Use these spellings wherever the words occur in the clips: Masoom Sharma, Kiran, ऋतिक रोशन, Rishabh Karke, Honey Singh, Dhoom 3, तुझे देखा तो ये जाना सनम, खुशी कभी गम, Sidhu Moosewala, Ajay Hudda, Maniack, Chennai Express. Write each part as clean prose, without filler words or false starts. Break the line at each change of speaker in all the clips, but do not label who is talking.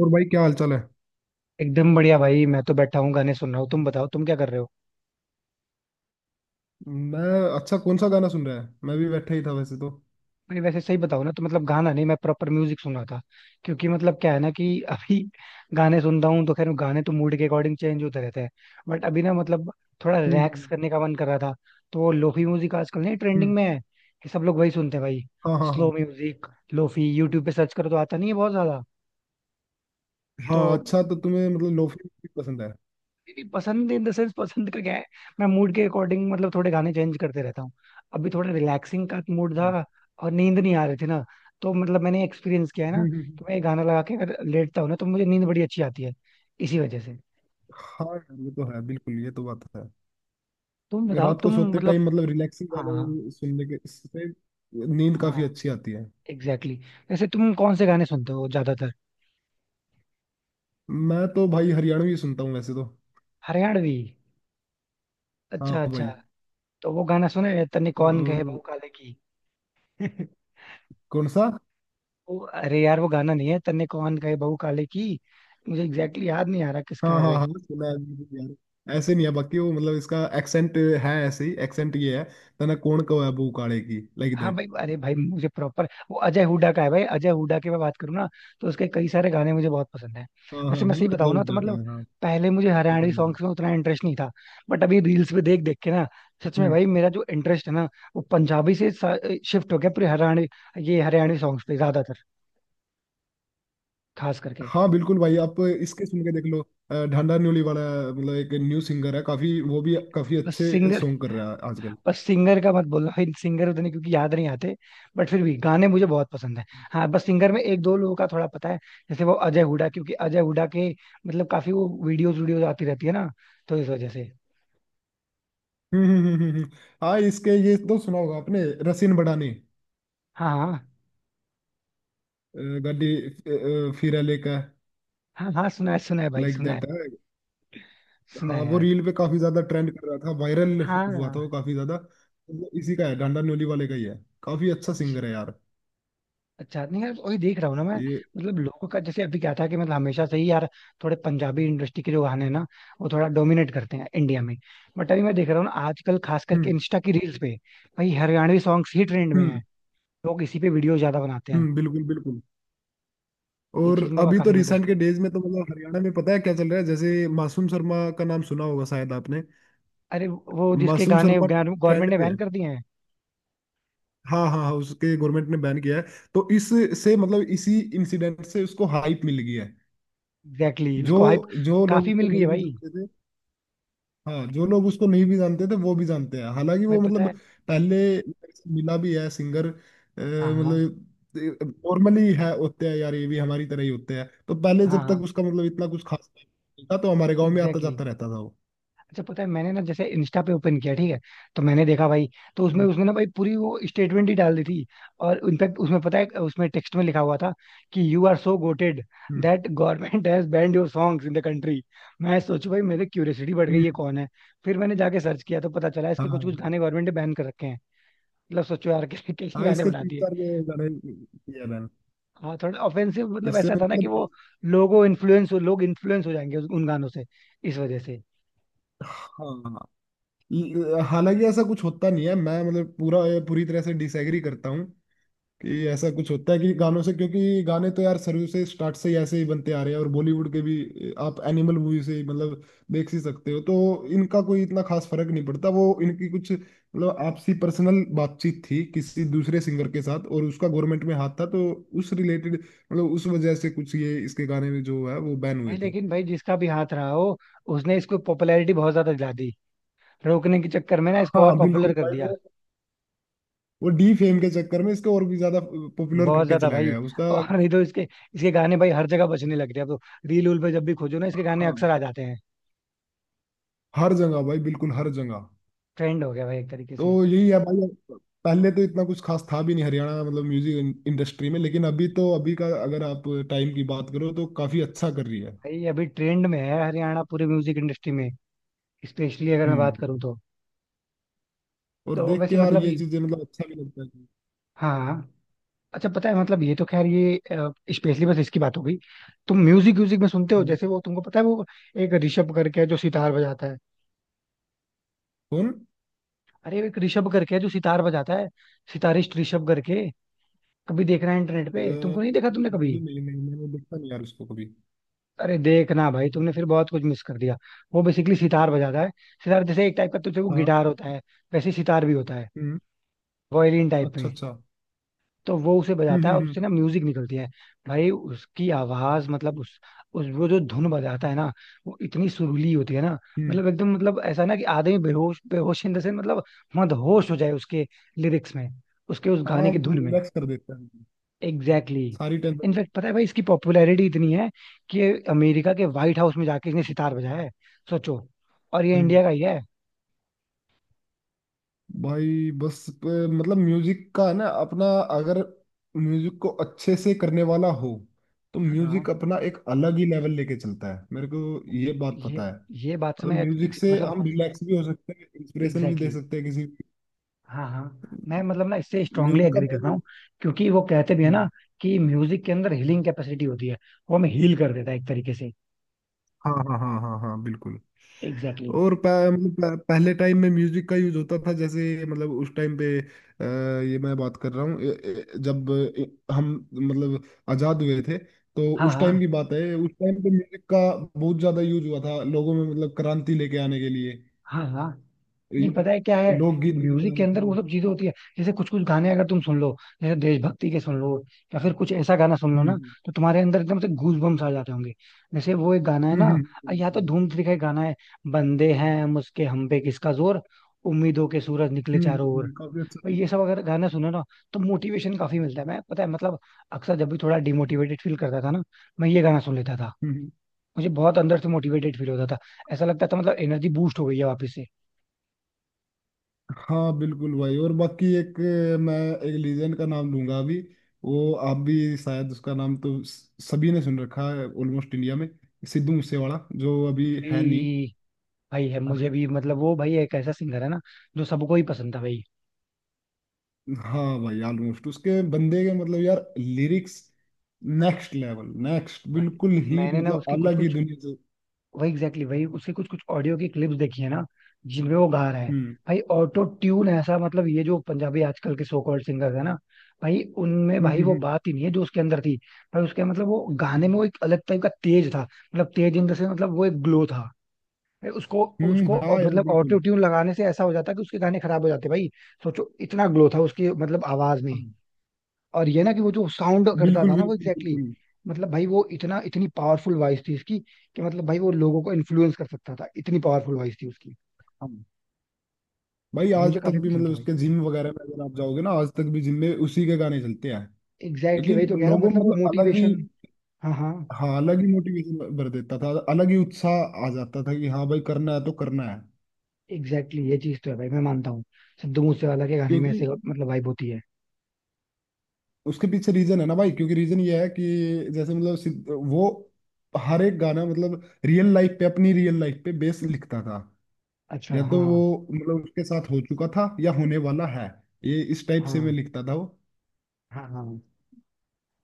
और भाई क्या हाल चाल है।
एकदम बढ़िया भाई। मैं तो बैठा हूँ गाने सुन रहा हूँ। तुम बताओ तुम क्या कर रहे हो।
मैं। अच्छा कौन सा गाना सुन रहा है, मैं भी बैठा ही था वैसे तो।
नहीं वैसे सही बताओ ना, तो मतलब गाना नहीं, मैं प्रॉपर म्यूजिक सुन रहा था। क्योंकि मतलब क्या है ना कि अभी गाने सुन रहा हूँ तो खैर गाने तो मूड के अकॉर्डिंग चेंज होते रहते हैं। बट अभी ना मतलब थोड़ा
हम्म
रिलैक्स
हम्म
करने का मन कर रहा था। तो वो लोफी म्यूजिक आजकल नहीं ट्रेंडिंग
हम्म,
में है, ये सब लोग वही सुनते हैं भाई।
हाँ हाँ
स्लो
हाँ।
म्यूजिक। लोफी यूट्यूब पे सर्च करो तो आता नहीं है बहुत ज्यादा। तो
हाँ अच्छा तो तुम्हें मतलब लोफी म्यूजिक पसंद है।
नहीं, पसंद इन द सेंस पसंद का क्या है। मैं मूड के अकॉर्डिंग मतलब थोड़े गाने चेंज करते रहता हूँ। अभी थोड़ा रिलैक्सिंग का मूड
हाँ।
था और नींद नहीं आ रही थी ना। तो मतलब मैंने एक्सपीरियंस किया है ना
हम्म हम्म, हम्म।
कि मैं ये गाना लगा के अगर लेटता हूँ ना तो मुझे नींद बड़ी अच्छी आती है, इसी वजह से।
हाँ यार ये तो है बिल्कुल, ये तो बात है।
तुम बताओ
रात को
तुम
सोते
मतलब।
टाइम मतलब रिलैक्सिंग
हाँ
गाने सुनने के इससे नींद
हाँ
काफी अच्छी आती है।
Exactly exactly. वैसे तुम कौन से गाने सुनते हो ज्यादातर।
मैं तो भाई हरियाणवी सुनता हूँ वैसे तो।
हरियाणवी। अच्छा
हाँ
अच्छा।
भाई।
तो वो गाना सुने हैं, तन्ने
अ,
कौन कहे बहू काले की।
कौन सा?
वो अरे यार वो गाना नहीं है, तन्ने कौन कहे बहू काले की। मुझे एग्जैक्टली exactly याद नहीं आ रहा किसका
हाँ
है
हाँ
वो।
हाँ सुना है बिल्कुल यार, ऐसे नहीं है बाकी वो मतलब इसका एक्सेंट है ऐसे ही, एक्सेंट ये है। तना कोण को है बू काले की, लाइक
हाँ
दैट।
भाई, अरे भाई मुझे प्रॉपर वो अजय हुड्डा का है भाई। अजय हुड्डा की मैं बात करूँ ना तो उसके कई सारे गाने मुझे बहुत पसंद है।
हाँ हाँ
वैसे मैं सही
हाँ अजय
बताऊँ ना तो
हुड्डा का
मतलब
है, हाँ।
पहले मुझे
पता
हरियाणवी
नहीं।
सॉन्ग्स में उतना इंटरेस्ट नहीं था। बट अभी रील्स पे देख देख के ना सच में
हम्म।
भाई मेरा जो इंटरेस्ट है ना वो पंजाबी से शिफ्ट हो गया पूरे हरियाणवी, ये हरियाणवी सॉन्ग्स पे ज्यादातर, खास करके।
हाँ बिल्कुल भाई, आप इसके सुन के देख लो। ढांडा न्योली वाला, मतलब एक न्यू सिंगर है काफी, वो भी काफी
बस
अच्छे
सिंगर
सॉन्ग कर रहा है आजकल।
बस सिंगर का मत बोलना, फिर सिंगर उतने क्योंकि याद नहीं आते। बट फिर भी गाने मुझे बहुत पसंद है। हाँ बस सिंगर में एक दो लोगों का थोड़ा पता है, जैसे वो अजय हुडा, क्योंकि अजय हुडा के मतलब काफी वो वीडियोस वीडियोस आती रहती है ना, तो इस वजह से।
हम्म हम्म हम्म हम्म, हम्म। हाँ इसके ये तो सुना होगा आपने, रसिन बड़ानी
हाँ हाँ
गाड़ी फिरा लेकर,
हाँ हाँ सुना है भाई,
लाइक
सुना है,
दैट है।
सुना
हाँ
है
वो
यार।
रील पे काफी ज्यादा ट्रेंड कर रहा था, वायरल हुआ था वो
हाँ।
काफी ज्यादा, तो वो इसी का है, डांडा न्योली वाले का ही है। काफी अच्छा
अच्छा।
सिंगर है यार।
अच्छा नहीं यार वही देख रहा हूँ ना मैं।
ये।
मतलब लोगों का जैसे अभी क्या था कि मतलब हमेशा से ही यार थोड़े पंजाबी इंडस्ट्री के जो गाने हैं ना वो थोड़ा डोमिनेट करते हैं इंडिया में। बट अभी मैं देख रहा हूँ ना आजकल खास करके
हम्म
इंस्टा की रील्स पे भाई हरियाणवी सॉन्ग्स ही ट्रेंड में है।
हम्म
लोग इसी पे वीडियो ज्यादा बनाते हैं।
बिल्कुल बिल्कुल।
ये चीज
और
मैं
अभी तो
काफी नोटिस
रिसेंट
कर।
के डेज में तो मतलब हरियाणा में पता है क्या चल रहा है, जैसे मासूम शर्मा का नाम सुना होगा शायद आपने।
अरे वो जिसके
मासूम
गाने
शर्मा
गवर्नमेंट
ट्रेंड
ने
पे है।
बैन कर दिए हैं।
हाँ हाँ हाँ उसके गवर्नमेंट ने बैन किया है, तो इससे मतलब इसी इंसिडेंट से उसको हाइप मिल गई है।
एग्जैक्टली exactly,
जो
उसको हाइप
जो लोग
काफी
उसको
मिल गई है
नहीं भी
भाई।
जानते थे। हाँ जो लोग उसको नहीं भी जानते थे वो भी जानते हैं, हालांकि
भाई
वो
पता
मतलब
है।
पहले मेरे से मिला भी है सिंगर
हाँ हाँ
मतलब नॉर्मली है, होते हैं यार ये भी हमारी तरह ही होते हैं, तो पहले
हाँ
जब
हाँ।
तक उसका मतलब इतना कुछ खास नहीं था तो हमारे गांव में आता
एग्जैक्टली।
जाता रहता था वो।
अच्छा पता है, मैंने ना जैसे इंस्टा पे ओपन किया, ठीक है, तो मैंने देखा भाई, तो उसमें
हम्म
उसने ना भाई पूरी वो स्टेटमेंट ही डाल दी थी। और इनफैक्ट उसमें पता है उसमें टेक्स्ट में लिखा हुआ था कि you are so gutted
hmm
that government has banned your songs in the country. मैं सोचू भाई मेरे क्यूरियोसिटी बढ़ गई,
हम्म,
ये
हम्म,
कौन है। फिर मैंने जाके सर्च किया तो पता चला
हाँ
इसके कुछ कुछ
हाँ
गाने गवर्नमेंट ने बैन कर रखे हैं। मतलब सोचो यार कैसे कैसे
हाँ,
गाने
इसके
बना
तीन
दिए।
चार जो गाने किया मैंने,
हाँ थोड़ा ऑफेंसिव मतलब
इससे
ऐसा था ना कि
मतलब।
वो लोग इन्फ्लुएंस हो जाएंगे उन गानों से, इस वजह से।
हाँ हालांकि ऐसा कुछ होता नहीं है, मैं मतलब पूरा पूरी तरह से डिसएग्री करता हूँ कि ऐसा कुछ होता है कि गानों से, क्योंकि गाने तो यार शुरू से स्टार्ट से ही ऐसे ही बनते आ रहे हैं और बॉलीवुड के भी आप एनिमल मूवी से ही मतलब देख ही सकते हो, तो इनका कोई इतना खास फर्क नहीं पड़ता। वो इनकी कुछ मतलब आपसी पर्सनल बातचीत थी किसी दूसरे सिंगर के साथ और उसका गवर्नमेंट में हाथ था, तो उस रिलेटेड मतलब उस वजह से कुछ ये इसके गाने में जो है वो बैन
भाई
हुए थे।
लेकिन भाई जिसका भी हाथ रहा हो उसने इसको पॉपुलैरिटी बहुत ज्यादा दिला दी। रोकने के चक्कर में ना इसको और
हाँ बिल्कुल
पॉपुलर कर
भाई,
दिया,
वो डी फेम के चक्कर में इसको और भी ज्यादा पॉपुलर
बहुत
करके
ज्यादा
चला
भाई।
गया उसका।
और नहीं तो इसके इसके गाने भाई हर जगह बजने लग रहे हैं। अब तो रील उल पे जब भी खोजो ना इसके गाने
हाँ
अक्सर आ जाते हैं,
हर जगह भाई, बिल्कुल हर जगह।
ट्रेंड हो गया भाई एक तरीके
तो
से।
यही है भाई, पहले तो इतना कुछ खास था भी नहीं हरियाणा मतलब म्यूजिक इंडस्ट्री में, लेकिन अभी तो अभी का अगर आप टाइम की बात करो तो काफी अच्छा कर रही है।
भाई अभी ट्रेंड में है हरियाणा पूरे म्यूजिक इंडस्ट्री में, स्पेशली अगर मैं बात
हम्म।
करूँ तो।
और
तो
देख के
वैसे
यार
मतलब
ये चीजें मतलब अच्छा भी लगता है।
हाँ हाँ। अच्छा पता है मतलब ये तो खैर ये स्पेशली बस इसकी बात हो गई। तुम म्यूजिक म्यूजिक में सुनते हो
हम्म।
जैसे वो, तुमको पता है वो एक ऋषभ करके है जो सितार बजाता है।
कौन?
अरे वो एक ऋषभ करके है जो सितार बजाता है, सितारिस्ट ऋषभ करके। कभी देखना है इंटरनेट पे, तुमको नहीं देखा तुमने कभी।
नहीं नहीं नहीं, मैंने देखा नहीं यार उसको कभी।
अरे देखना भाई, तुमने फिर बहुत कुछ मिस कर दिया। वो बेसिकली सितार बजाता है। सितार जैसे एक टाइप का तुझे वो
हाँ।
गिटार होता है, वैसे ही सितार भी होता है,
हम्म।
वायलिन टाइप
अच्छा
में।
अच्छा।
तो वो उसे
हम्म
बजाता है और
हम्म हम्म
उससे ना म्यूजिक निकलती है। भाई उसकी आवाज मतलब उस वो जो धुन बजाता है ना वो इतनी सुरीली होती है ना,
हम्म,
मतलब एकदम मतलब ऐसा ना कि आदमी बेहोश बेहोश इन द सेंस, मतलब मदहोश हो जाए उसके लिरिक्स में, उसके उस गाने
हाँ
की धुन
मतलब
में।
रिलैक्स कर देता है
एग्जैक्टली exactly.
सारी टेंशन।
इनफैक्ट पता है भाई इसकी पॉपुलैरिटी इतनी है कि ये अमेरिका के व्हाइट हाउस में जाके इसने सितार बजाया है, सोचो, और ये इंडिया का ही है।
भाई बस मतलब म्यूजिक का है ना अपना, अगर म्यूजिक को अच्छे से करने वाला हो तो
हाँ।
म्यूजिक अपना एक अलग ही लेवल लेके चलता है, मेरे को ये बात
ये
पता है। मतलब
ये बात से मैं
म्यूजिक से
मतलब
हम रिलैक्स भी हो सकते हैं, इंस्पिरेशन भी
एग्जैक्टली
दे
exactly,
सकते हैं किसी।
हाँ हाँ मैं मतलब ना इससे स्ट्रांगली
म्यूजिक का
एग्री करता हूँ, क्योंकि वो कहते भी है ना
मेन।
कि म्यूजिक के अंदर हीलिंग कैपेसिटी होती है, वो हमें हील कर देता है एक तरीके से।
हाँ हाँ हाँ हाँ हाँ बिल्कुल।
Exactly exactly.
और पहले टाइम में म्यूजिक का यूज होता था, जैसे मतलब उस टाइम पे ये मैं बात कर रहा हूँ जब ए- हम मतलब आजाद हुए थे, तो
हाँ
उस
हाँ
टाइम की बात है, उस टाइम पे म्यूजिक का बहुत ज्यादा यूज हुआ था लोगों में मतलब क्रांति लेके आने के लिए,
हाँ हाँ।
ये
नहीं पता है क्या
लोग
है कि
लोकगीत लेके
म्यूजिक के
आए
अंदर वो
थे।
सब चीजें होती है, जैसे कुछ कुछ गाने अगर तुम सुन लो, जैसे देशभक्ति के सुन लो, या फिर कुछ ऐसा गाना सुन लो ना,
हम्म
तो तुम्हारे अंदर एकदम से गूज बम्स आ जाते होंगे। जैसे वो एक गाना है
हम्म
ना,
हम्म हम्म
या तो
हम्म,
धूम थ्री का एक गाना है, बंदे हैं मुझके हम पे किसका जोर, उम्मीदों के सूरज निकले चारों ओर।
काफी अच्छा
भाई
था।
ये सब अगर गाना सुनो ना तो मोटिवेशन काफी मिलता है। मैं पता है मतलब अक्सर जब भी थोड़ा
हम्म,
डिमोटिवेटेड फील करता था ना मैं ये गाना सुन लेता था,
हम्म,
मुझे बहुत अंदर से मोटिवेटेड फील होता था। ऐसा लगता था मतलब एनर्जी बूस्ट हो गई है वापस से।
हाँ बिल्कुल भाई, और बाकी एक मैं एक लीजेंड का नाम लूंगा अभी, वो आप भी शायद उसका नाम तो सभी ने सुन रखा है ऑलमोस्ट इंडिया में, सिद्धू मूसेवाला, जो अभी है नहीं।
भाई। भाई है
हाँ
मुझे
भाई।
भी, मतलब वो भाई एक ऐसा सिंगर है ना जो सबको ही पसंद था भाई।
हाँ भाई ऑलमोस्ट उसके बंदे के मतलब यार लिरिक्स नेक्स्ट लेवल, नेक्स्ट
भाई
बिल्कुल ही
मैंने ना
मतलब
उसकी कुछ
अलग ही
कुछ
दुनिया से।
वही एग्जैक्टली exactly, वही उसके कुछ कुछ ऑडियो की क्लिप्स देखी है ना जिनमें वो गा रहा है।
हम्म
भाई ऑटो ट्यून ऐसा मतलब ये जो पंजाबी आजकल के सो कॉल्ड सिंगर है ना, भाई उनमें
हम्म
भाई वो
हम्म
बात ही नहीं है जो उसके अंदर थी। भाई उसके मतलब वो गाने में
हम्म,
वो एक अलग टाइप का तेज था, मतलब तेज इन द सेंस, मतलब वो एक ग्लो था भाई उसको। उसको
हाँ यार
मतलब ऑटो
बिल्कुल।
ट्यून लगाने से ऐसा हो जाता कि उसके गाने खराब हो जाते भाई। सोचो इतना ग्लो था उसकी मतलब आवाज में।
हाँ,
और ये ना कि वो जो साउंड करता
बिल्कुल
था ना वो
बिल्कुल
एग्जैक्टली
बिल्कुल।
exactly, मतलब भाई वो इतना इतनी पावरफुल वॉइस थी इसकी कि मतलब भाई वो लोगों को इन्फ्लुएंस कर सकता था, इतनी पावरफुल वॉइस थी उसकी।
भाई आज
मुझे
तक
काफी
भी
पसंद
मतलब
था भाई।
उसके जिम वगैरह में अगर आप जाओगे ना, आज तक भी जिम में उसी के गाने चलते हैं,
एग्जैक्टली exactly
क्योंकि
भाई, तो कह रहा हूँ
लोगों में
मतलब वो
मतलब अलग ही।
मोटिवेशन। हाँ हाँ
हाँ अलग ही मोटिवेशन भर देता था, अलग ही उत्साह आ जाता था कि हाँ भाई करना है तो करना है।
एग्जैक्टली exactly, ये चीज तो है भाई, मैं मानता हूँ सिद्धू मूसेवाला के गाने में
क्योंकि
ऐसे मतलब वाइब होती है।
उसके पीछे रीजन है ना भाई, क्योंकि रीजन ये है कि जैसे मतलब वो हर एक गाना मतलब रियल लाइफ पे, अपनी रियल लाइफ पे बेस लिखता था,
अच्छा
या
हाँ
तो वो
हाँ।
मतलब उसके साथ हो चुका था या होने वाला है, ये इस टाइप से मैं
हाँ
लिखता था वो,
हाँ। हाँ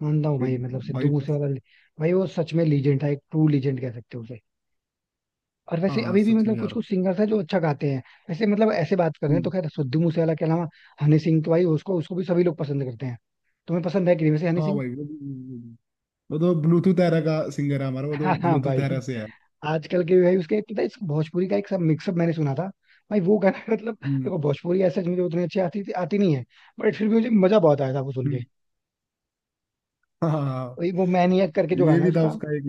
मानता हूँ
कि
भाई मतलब
भाई
सिद्धू
बस।
मूसेवाला भाई वो सच में लीजेंड था, एक ट्रू लीजेंड कह सकते हो उसे। और वैसे
हाँ
अभी भी
सच
मतलब
में
कुछ
यार।
कुछ सिंगर्स हैं जो अच्छा गाते हैं। वैसे मतलब ऐसे बात कर रहे हैं तो
हम्म।
खैर सिद्धू मूसेवाला के अलावा हनी सिंह तो भाई, उसको उसको भी सभी लोग पसंद करते हैं। तुम्हें पसंद है कि नहीं वैसे हनी
हाँ
सिंह।
भाई वो तो ब्लूटूथ एरा का सिंगर है हमारा, वो
हाँ
तो
हाँ
ब्लूटूथ एरा
भाई,
से है।
आजकल के भाई उसके पता है इस भोजपुरी का एक सब मिक्सअप मैंने सुना था। भाई वो गाना मतलब
हम्म
देखो भोजपुरी ऐसा मुझे उतनी अच्छी आती आती नहीं है, बट फिर भी मुझे मजा बहुत आया था वो सुन के।
हम्म हाँ हाँ, हाँ।
वही वो मैनियक करके जो
ये
गाना है
भी था
उसका।
उसका एक,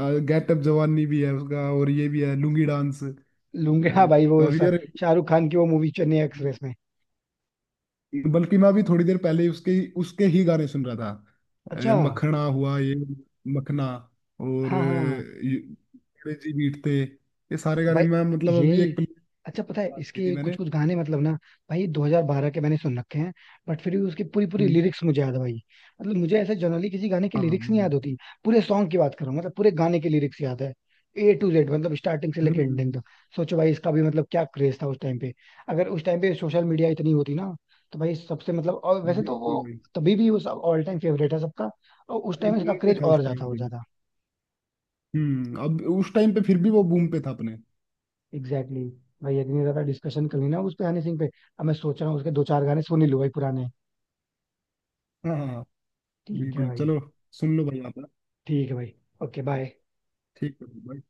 ये गेट अप जवानी भी है उसका, और ये भी है लुंगी डांस,
लूंगे हाँ भाई वो
काफी यार।
शाहरुख खान की वो मूवी चेन्नई एक्सप्रेस में।
बल्कि मैं अभी थोड़ी देर पहले ही उसके उसके ही गाने सुन रहा था,
अच्छा
मखना हुआ ये, मखना, और
हाँ हाँ
ये अंग्रेजी बीट पे, ये सारे गाने
भाई
मैं मतलब अभी
ये।
एक प्ले
अच्छा पता है
की थी
इसके कुछ
मैंने।
कुछ गाने मतलब ना भाई 2012 के मैंने सुन रखे हैं, बट फिर भी उसकी पूरी पूरी
हम्म
लिरिक्स मुझे याद है भाई। मतलब मुझे ऐसे जनरली किसी गाने की
हाँ।
लिरिक्स नहीं याद होती, पूरे सॉन्ग की बात करूं मतलब पूरे गाने की लिरिक्स याद है, ए टू जेड मतलब स्टार्टिंग से
हम्म,
लेकर
हम्म,
एंडिंग
हम्म,
तक। सोचो भाई इसका भी मतलब क्या क्रेज था उस टाइम पे। अगर उस टाइम पे सोशल मीडिया इतनी होती ना तो भाई सबसे मतलब, और वैसे तो
बिल्कुल
वो
भाई,
तभी भी वो सब ऑल टाइम फेवरेट है सबका, और उस
अपने
टाइम इसका
बूम पे
क्रेज
था
और
उस टाइम
ज्यादा हो
पे भी।
जाता।
अब उस टाइम पे फिर भी वो बूम पे था अपने।
Exactly exactly. भाई इतनी ज्यादा डिस्कशन कर ली ना उस पे, हनी सिंह पे, अब मैं सोच रहा हूँ उसके दो चार गाने सुन ही लूँ भाई पुराने।
हाँ हाँ हाँ,
ठीक है
बिल्कुल
भाई।
चलो, सुन लो भाई आप ना।
ठीक है भाई। Okay bye.
ठीक है भाई।